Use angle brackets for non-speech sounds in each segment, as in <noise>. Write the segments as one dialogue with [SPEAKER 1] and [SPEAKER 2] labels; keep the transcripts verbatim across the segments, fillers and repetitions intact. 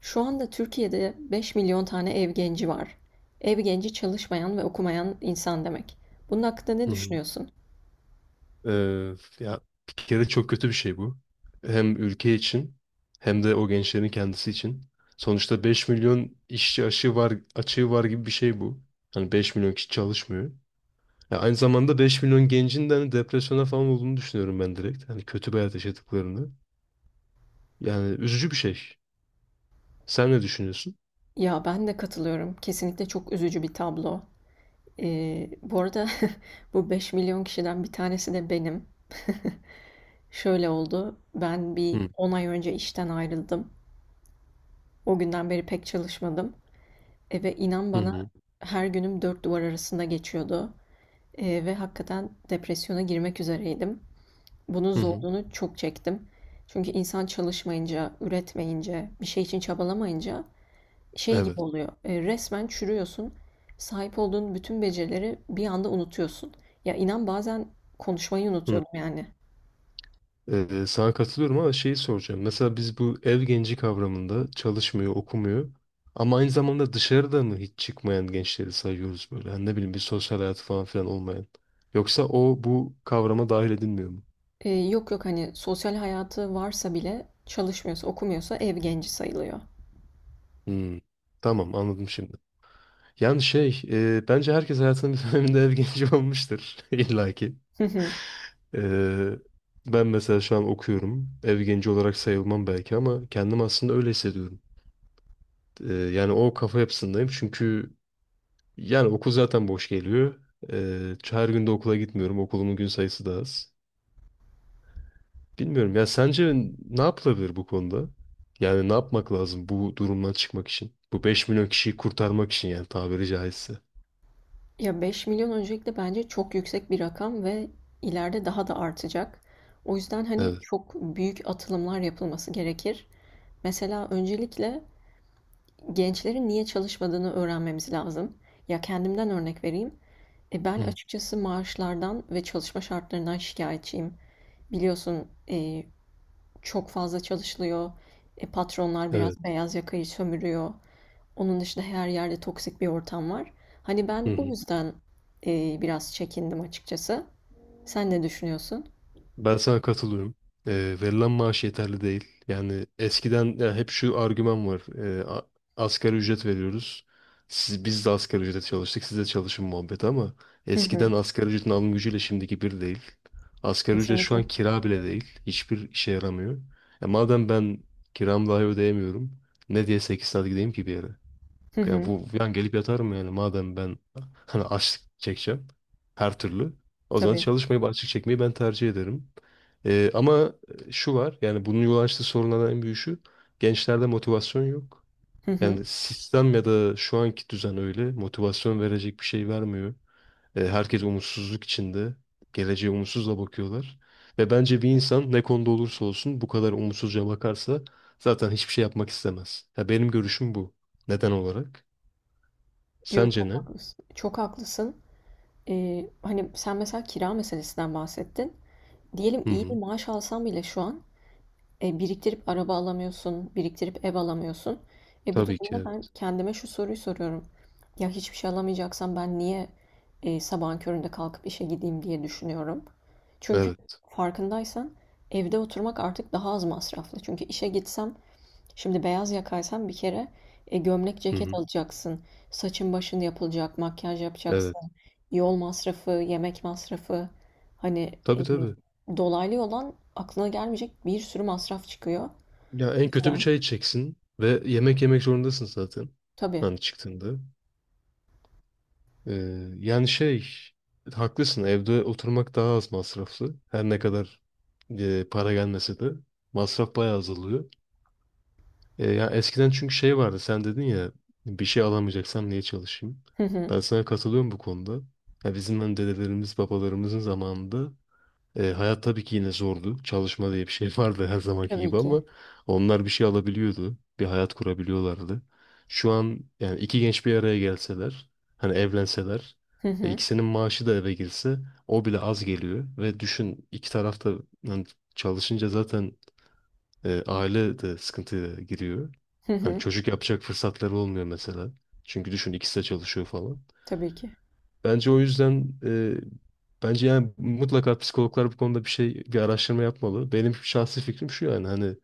[SPEAKER 1] Şu anda Türkiye'de beş milyon tane ev genci var. Ev genci çalışmayan ve okumayan insan demek. Bunun hakkında ne
[SPEAKER 2] Hı hı.
[SPEAKER 1] düşünüyorsun?
[SPEAKER 2] Ee, ya bir kere çok kötü bir şey bu. Hem ülke için hem de o gençlerin kendisi için. Sonuçta beş milyon işçi açığı var, açığı var gibi bir şey bu. Hani beş milyon kişi çalışmıyor. Ya aynı zamanda beş milyon gencin de hani depresyona falan olduğunu düşünüyorum ben direkt. Hani kötü bir hayat yaşadıklarını. Yani üzücü bir şey. Sen ne düşünüyorsun?
[SPEAKER 1] Ya ben de katılıyorum. Kesinlikle çok üzücü bir tablo. Ee, bu arada <laughs> bu beş milyon kişiden bir tanesi de benim. Şöyle oldu. Ben bir
[SPEAKER 2] Hı
[SPEAKER 1] on ay önce işten ayrıldım. O günden beri pek çalışmadım. E, ve inan
[SPEAKER 2] hı
[SPEAKER 1] bana
[SPEAKER 2] hı.
[SPEAKER 1] her günüm dört duvar arasında geçiyordu. E, ve hakikaten depresyona girmek üzereydim. Bunun
[SPEAKER 2] Hı hı.
[SPEAKER 1] zorluğunu çok çektim. Çünkü insan çalışmayınca, üretmeyince, bir şey için çabalamayınca şey gibi
[SPEAKER 2] Evet.
[SPEAKER 1] oluyor. E, resmen çürüyorsun. Sahip olduğun bütün becerileri bir anda unutuyorsun. Ya inan bazen konuşmayı unutuyordum yani.
[SPEAKER 2] Ee, sana katılıyorum ama şeyi soracağım. Mesela biz bu ev genci kavramında çalışmıyor, okumuyor ama aynı zamanda dışarıda mı hiç çıkmayan gençleri sayıyoruz böyle? Hani ne bileyim bir sosyal hayatı falan filan olmayan. Yoksa o bu kavrama dahil edilmiyor mu?
[SPEAKER 1] E, yok yok, hani sosyal hayatı varsa bile çalışmıyorsa, okumuyorsa ev genci sayılıyor.
[SPEAKER 2] Hmm. Tamam, anladım şimdi. Yani şey e, bence herkes hayatının bir <laughs> döneminde ev genci <laughs> olmuştur <laughs> illa ki.
[SPEAKER 1] <laughs>
[SPEAKER 2] Ee, Ben mesela şu an okuyorum. Ev genci olarak sayılmam belki ama kendim aslında öyle hissediyorum. Ee, yani o kafa yapısındayım çünkü yani okul zaten boş geliyor. Ee, her gün de okula gitmiyorum. Okulumun gün sayısı da az. Bilmiyorum ya sence ne yapılabilir bu konuda? Yani ne yapmak lazım bu durumdan çıkmak için? Bu beş milyon kişiyi kurtarmak için yani tabiri caizse.
[SPEAKER 1] Ya beş milyon öncelikle bence çok yüksek bir rakam ve ileride daha da artacak. O yüzden hani
[SPEAKER 2] Evet.
[SPEAKER 1] çok büyük atılımlar yapılması gerekir. Mesela öncelikle gençlerin niye çalışmadığını öğrenmemiz lazım. Ya kendimden örnek vereyim. E ben
[SPEAKER 2] Hı.
[SPEAKER 1] açıkçası maaşlardan ve çalışma şartlarından şikayetçiyim. Biliyorsun e, çok fazla çalışılıyor. E, patronlar biraz
[SPEAKER 2] Evet.
[SPEAKER 1] beyaz yakayı sömürüyor. Onun dışında her yerde toksik bir ortam var. Hani
[SPEAKER 2] Hı
[SPEAKER 1] ben bu
[SPEAKER 2] hı.
[SPEAKER 1] yüzden e, biraz çekindim açıkçası. Sen ne düşünüyorsun?
[SPEAKER 2] Ben sana katılıyorum. Ee, verilen maaş yeterli değil. Yani eskiden ya hep şu argüman var. Ee, a- asgari ücret veriyoruz. Siz, biz de asgari ücrete çalıştık. Siz de çalışın muhabbeti ama
[SPEAKER 1] Hı hı,
[SPEAKER 2] eskiden asgari ücretin alım gücüyle şimdiki bir değil. Asgari ücret şu
[SPEAKER 1] kesinlikle.
[SPEAKER 2] an kira bile değil. Hiçbir işe yaramıyor. E madem ben kiramı dahi ödeyemiyorum. Ne diye sekiz saat gideyim ki bir yere?
[SPEAKER 1] Hı
[SPEAKER 2] Ya
[SPEAKER 1] hı,
[SPEAKER 2] bu yani gelip yatarım yani madem ben <laughs> hani açlık çekeceğim her türlü. O zaman
[SPEAKER 1] tabii.
[SPEAKER 2] çalışmayıp açlık çekmeyi ben tercih ederim. Ee, ama e, şu var yani bunun yol açtığı sorunlardan en büyüğü şu. Gençlerde motivasyon yok.
[SPEAKER 1] Hı hı.
[SPEAKER 2] Yani sistem ya da şu anki düzen öyle motivasyon verecek bir şey vermiyor. Ee, herkes umutsuzluk içinde. Geleceğe umutsuzla bakıyorlar. Ve bence bir insan ne konuda olursa olsun bu kadar umutsuzca bakarsa zaten hiçbir şey yapmak istemez. Ya benim görüşüm bu. Neden olarak?
[SPEAKER 1] Yo,
[SPEAKER 2] Sence
[SPEAKER 1] çok
[SPEAKER 2] ne?
[SPEAKER 1] haklısın. Çok haklısın. E, hani sen mesela kira meselesinden bahsettin. Diyelim
[SPEAKER 2] Hı
[SPEAKER 1] iyi bir
[SPEAKER 2] hı.
[SPEAKER 1] maaş alsam bile şu an, E, biriktirip araba alamıyorsun, biriktirip ev alamıyorsun. E, bu
[SPEAKER 2] Tabii ki
[SPEAKER 1] durumda ben
[SPEAKER 2] evet.
[SPEAKER 1] kendime şu soruyu soruyorum. Ya hiçbir şey alamayacaksam ben niye e, sabahın köründe kalkıp işe gideyim diye düşünüyorum. Çünkü
[SPEAKER 2] Evet.
[SPEAKER 1] farkındaysan evde oturmak artık daha az masraflı. Çünkü işe gitsem. Şimdi beyaz yakaysan bir kere, e, gömlek
[SPEAKER 2] Hı
[SPEAKER 1] ceket
[SPEAKER 2] hı.
[SPEAKER 1] alacaksın. Saçın başın yapılacak, makyaj yapacaksın.
[SPEAKER 2] Evet.
[SPEAKER 1] Yol masrafı, yemek masrafı. Hani
[SPEAKER 2] Tabii
[SPEAKER 1] e,
[SPEAKER 2] tabii.
[SPEAKER 1] dolaylı yoldan aklına gelmeyecek bir sürü masraf çıkıyor. O
[SPEAKER 2] Ya en kötü bir
[SPEAKER 1] yüzden
[SPEAKER 2] çay içeceksin ve yemek yemek zorundasın zaten.
[SPEAKER 1] tabii.
[SPEAKER 2] Hani çıktığında. Ee, yani şey haklısın, evde oturmak daha az masraflı. Her ne kadar e, para gelmese de masraf bayağı azalıyor. E, ya eskiden çünkü şey vardı sen dedin ya bir şey alamayacaksam niye çalışayım?
[SPEAKER 1] Hı hı.
[SPEAKER 2] Ben sana katılıyorum bu konuda. Ya bizim hani dedelerimiz babalarımızın zamanında, E, hayat tabii ki yine zordu. Çalışma diye bir şey <laughs> vardı her zamanki
[SPEAKER 1] Tabii
[SPEAKER 2] gibi ama
[SPEAKER 1] ki.
[SPEAKER 2] onlar bir şey alabiliyordu. Bir hayat kurabiliyorlardı. Şu an yani iki genç bir araya gelseler, hani evlenseler,
[SPEAKER 1] Hı
[SPEAKER 2] e,
[SPEAKER 1] hı.
[SPEAKER 2] ikisinin maaşı da eve girse o bile az geliyor. Ve düşün iki tarafta yani çalışınca zaten e, aile de sıkıntıya giriyor.
[SPEAKER 1] Hı
[SPEAKER 2] Hani
[SPEAKER 1] hı.
[SPEAKER 2] çocuk yapacak fırsatları olmuyor mesela. Çünkü düşün ikisi de çalışıyor falan.
[SPEAKER 1] Tabii ki.
[SPEAKER 2] Bence o yüzden e, bence yani mutlaka psikologlar bu konuda bir şey bir araştırma yapmalı. Benim şahsi fikrim şu yani hani e,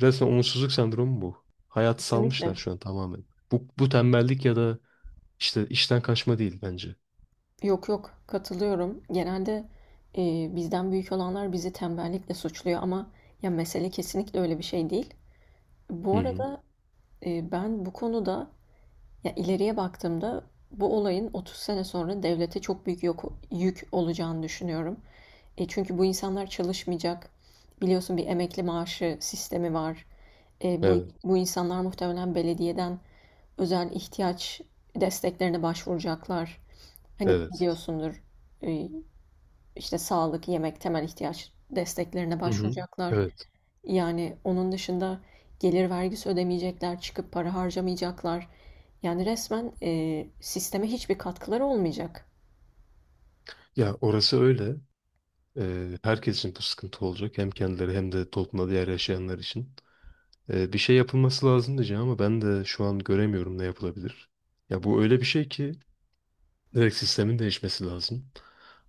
[SPEAKER 2] resmen umutsuzluk sendromu bu. Hayatı salmışlar
[SPEAKER 1] Kesinlikle.
[SPEAKER 2] şu an tamamen. Bu, bu tembellik ya da işte işten kaçma değil bence.
[SPEAKER 1] Yok yok, katılıyorum. Genelde e, bizden büyük olanlar bizi tembellikle suçluyor ama ya mesele kesinlikle öyle bir şey değil.
[SPEAKER 2] Hı
[SPEAKER 1] Bu
[SPEAKER 2] hı.
[SPEAKER 1] arada e, ben bu konuda. Ya ileriye baktığımda bu olayın otuz sene sonra devlete çok büyük yok- yük olacağını düşünüyorum. E çünkü bu insanlar çalışmayacak. Biliyorsun bir emekli maaşı sistemi var. E bu
[SPEAKER 2] Evet.
[SPEAKER 1] bu insanlar muhtemelen belediyeden özel ihtiyaç desteklerine başvuracaklar. Hani
[SPEAKER 2] Evet.
[SPEAKER 1] biliyorsundur, e, işte sağlık, yemek, temel ihtiyaç desteklerine
[SPEAKER 2] Hı hı.
[SPEAKER 1] başvuracaklar.
[SPEAKER 2] Evet.
[SPEAKER 1] Yani onun dışında gelir vergisi ödemeyecekler, çıkıp para harcamayacaklar. Yani resmen, eee, sisteme hiçbir katkıları olmayacak.
[SPEAKER 2] Ya orası öyle. E, herkes için bu sıkıntı olacak. Hem kendileri hem de toplumda diğer yaşayanlar için. E, bir şey yapılması lazım diyeceğim ama ben de şu an göremiyorum ne yapılabilir. Ya bu öyle bir şey ki direkt sistemin değişmesi lazım.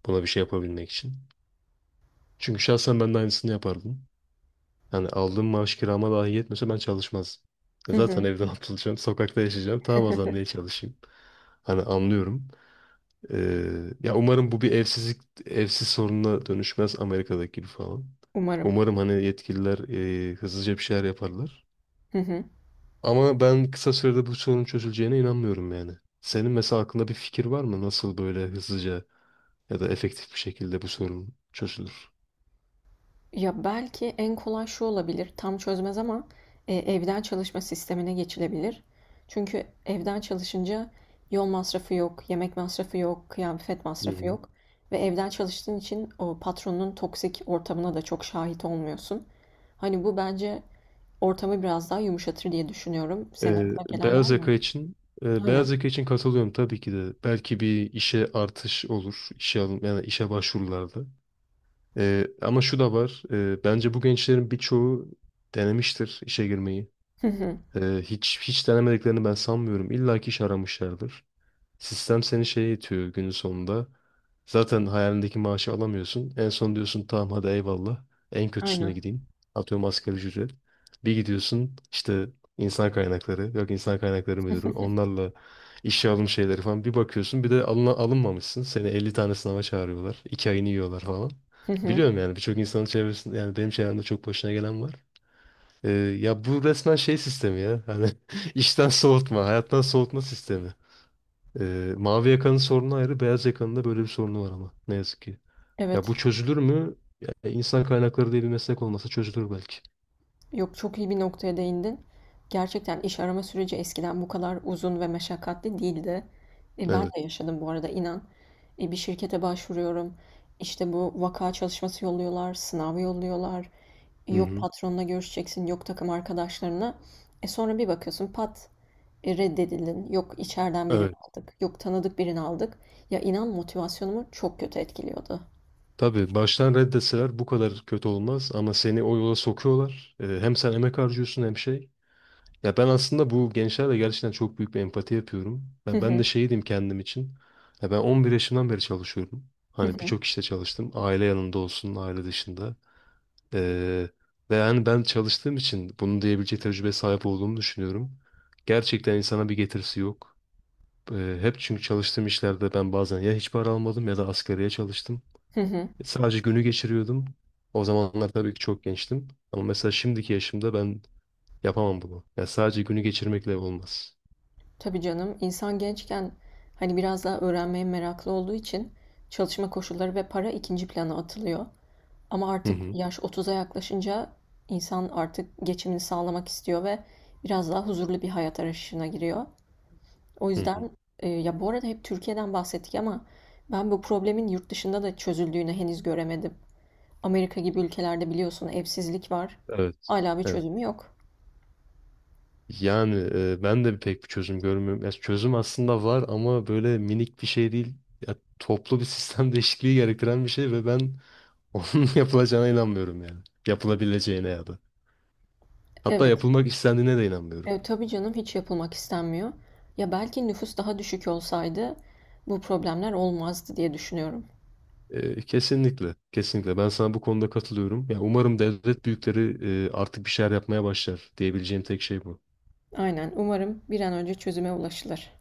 [SPEAKER 2] Buna bir şey yapabilmek için. Çünkü şahsen ben de aynısını yapardım. Yani aldığım maaş kirama dahi yetmese ben çalışmazdım. E
[SPEAKER 1] Hı
[SPEAKER 2] zaten
[SPEAKER 1] hı.
[SPEAKER 2] evden <laughs> atılacağım, sokakta yaşayacağım. Tamam, o zaman niye çalışayım? Hani anlıyorum. Ee, ya umarım bu bir evsizlik, evsiz sorununa dönüşmez, Amerika'daki gibi falan.
[SPEAKER 1] Umarım.
[SPEAKER 2] Umarım hani yetkililer e, hızlıca bir şeyler yaparlar.
[SPEAKER 1] Hı hı.
[SPEAKER 2] Ama ben kısa sürede bu sorun çözüleceğine inanmıyorum yani. Senin mesela aklında bir fikir var mı? Nasıl böyle hızlıca ya da efektif bir şekilde bu sorun çözülür.
[SPEAKER 1] Ya, belki en kolay şu olabilir, tam çözmez ama, eee, evden çalışma sistemine geçilebilir. Çünkü evden çalışınca yol masrafı yok, yemek masrafı yok, kıyafet
[SPEAKER 2] Hı
[SPEAKER 1] masrafı
[SPEAKER 2] hı.
[SPEAKER 1] yok ve evden çalıştığın için o patronun toksik ortamına da çok şahit olmuyorsun. Hani bu bence. Ortamı biraz daha yumuşatır diye düşünüyorum. Senin
[SPEAKER 2] Ee,
[SPEAKER 1] aklına gelen var
[SPEAKER 2] beyaz
[SPEAKER 1] mı?
[SPEAKER 2] yaka için e,
[SPEAKER 1] Aynen.
[SPEAKER 2] Beyaz yaka için katılıyorum tabii ki de. Belki bir işe artış olur. işe alım, yani işe başvurularda. Ee, ama şu da var. E, bence bu gençlerin birçoğu denemiştir işe girmeyi.
[SPEAKER 1] Hı hı.
[SPEAKER 2] Ee, hiç hiç denemediklerini ben sanmıyorum. İlla ki iş aramışlardır. Sistem seni şeye itiyor günün sonunda. Zaten hayalindeki maaşı alamıyorsun. En son diyorsun tamam, hadi eyvallah. En kötüsüne
[SPEAKER 1] Aynen.
[SPEAKER 2] gideyim. Atıyorum asgari ücret. Bir gidiyorsun işte insan kaynakları, yok insan kaynakları
[SPEAKER 1] Hı
[SPEAKER 2] müdürü.
[SPEAKER 1] hı.
[SPEAKER 2] Onlarla işe alım şeyleri falan. Bir bakıyorsun bir de alın alınmamışsın. Seni elli tane sınava çağırıyorlar. iki ayını yiyorlar falan.
[SPEAKER 1] Hı hı.
[SPEAKER 2] Biliyorum yani birçok insanın çevresinde yani benim çevremde çok başına gelen var. Ee, ya bu resmen şey sistemi ya. Hani <laughs> işten soğutma, hayattan soğutma sistemi. Ee, mavi yakanın sorunu ayrı, beyaz yakanın da böyle bir sorunu var ama ne yazık ki. Ya
[SPEAKER 1] Evet.
[SPEAKER 2] bu çözülür mü? Ya, insan kaynakları diye bir meslek olmasa çözülür belki.
[SPEAKER 1] Yok, çok iyi bir noktaya değindin. Gerçekten iş arama süreci eskiden bu kadar uzun ve meşakkatli değildi. E, ben
[SPEAKER 2] Evet.
[SPEAKER 1] de yaşadım bu arada inan. E, bir şirkete başvuruyorum. İşte bu vaka çalışması yolluyorlar, sınavı yolluyorlar.
[SPEAKER 2] Hı
[SPEAKER 1] Yok
[SPEAKER 2] hı.
[SPEAKER 1] patronla görüşeceksin, yok takım arkadaşlarına. E sonra bir bakıyorsun pat, e, reddedildin. Yok içeriden birini
[SPEAKER 2] Evet.
[SPEAKER 1] aldık, yok tanıdık birini aldık. Ya inan motivasyonumu çok kötü etkiliyordu.
[SPEAKER 2] Tabii baştan reddeseler bu kadar kötü olmaz ama seni o yola sokuyorlar. Ee, hem sen emek harcıyorsun hem şey. Ya ben aslında bu gençlerle gerçekten çok büyük bir empati yapıyorum. Ya ben de şey diyeyim kendim için. Ya ben on bir yaşımdan beri çalışıyorum. Hani birçok işte çalıştım. Aile yanında olsun, aile dışında. Ee, Ve yani ben çalıştığım için bunu diyebilecek tecrübe sahip olduğumu düşünüyorum. Gerçekten insana bir getirisi yok. Ee, hep çünkü çalıştığım işlerde ben bazen ya hiç para almadım ya da asgariye çalıştım.
[SPEAKER 1] <laughs>
[SPEAKER 2] Sadece günü geçiriyordum. O zamanlar tabii ki çok gençtim. Ama mesela şimdiki yaşımda ben yapamam bunu. Ya sadece günü geçirmekle olmaz.
[SPEAKER 1] Tabii canım, insan gençken hani biraz daha öğrenmeye meraklı olduğu için çalışma koşulları ve para ikinci plana atılıyor. Ama
[SPEAKER 2] Hı
[SPEAKER 1] artık
[SPEAKER 2] hı.
[SPEAKER 1] yaş otuza yaklaşınca insan artık geçimini sağlamak istiyor ve biraz daha huzurlu bir hayat arayışına giriyor. O
[SPEAKER 2] Hı hı.
[SPEAKER 1] yüzden, e, ya bu arada hep Türkiye'den bahsettik ama ben bu problemin yurt dışında da çözüldüğünü henüz göremedim. Amerika gibi ülkelerde biliyorsun evsizlik var.
[SPEAKER 2] Evet.
[SPEAKER 1] Hala bir
[SPEAKER 2] Evet.
[SPEAKER 1] çözümü yok.
[SPEAKER 2] Yani e, ben de pek bir çözüm görmüyorum. Ya çözüm aslında var ama böyle minik bir şey değil. Ya, toplu bir sistem <laughs> değişikliği gerektiren bir şey ve ben onun <laughs> yapılacağına inanmıyorum yani. Yapılabileceğine ya da. Hatta
[SPEAKER 1] Evet.
[SPEAKER 2] yapılmak istendiğine de inanmıyorum.
[SPEAKER 1] E, tabii canım hiç yapılmak istenmiyor. Ya belki nüfus daha düşük olsaydı bu problemler olmazdı diye düşünüyorum.
[SPEAKER 2] E, kesinlikle, kesinlikle. Ben sana bu konuda katılıyorum. Ya umarım devlet büyükleri e, artık bir şeyler yapmaya başlar diyebileceğim tek şey bu.
[SPEAKER 1] Aynen, umarım bir an önce çözüme ulaşılır.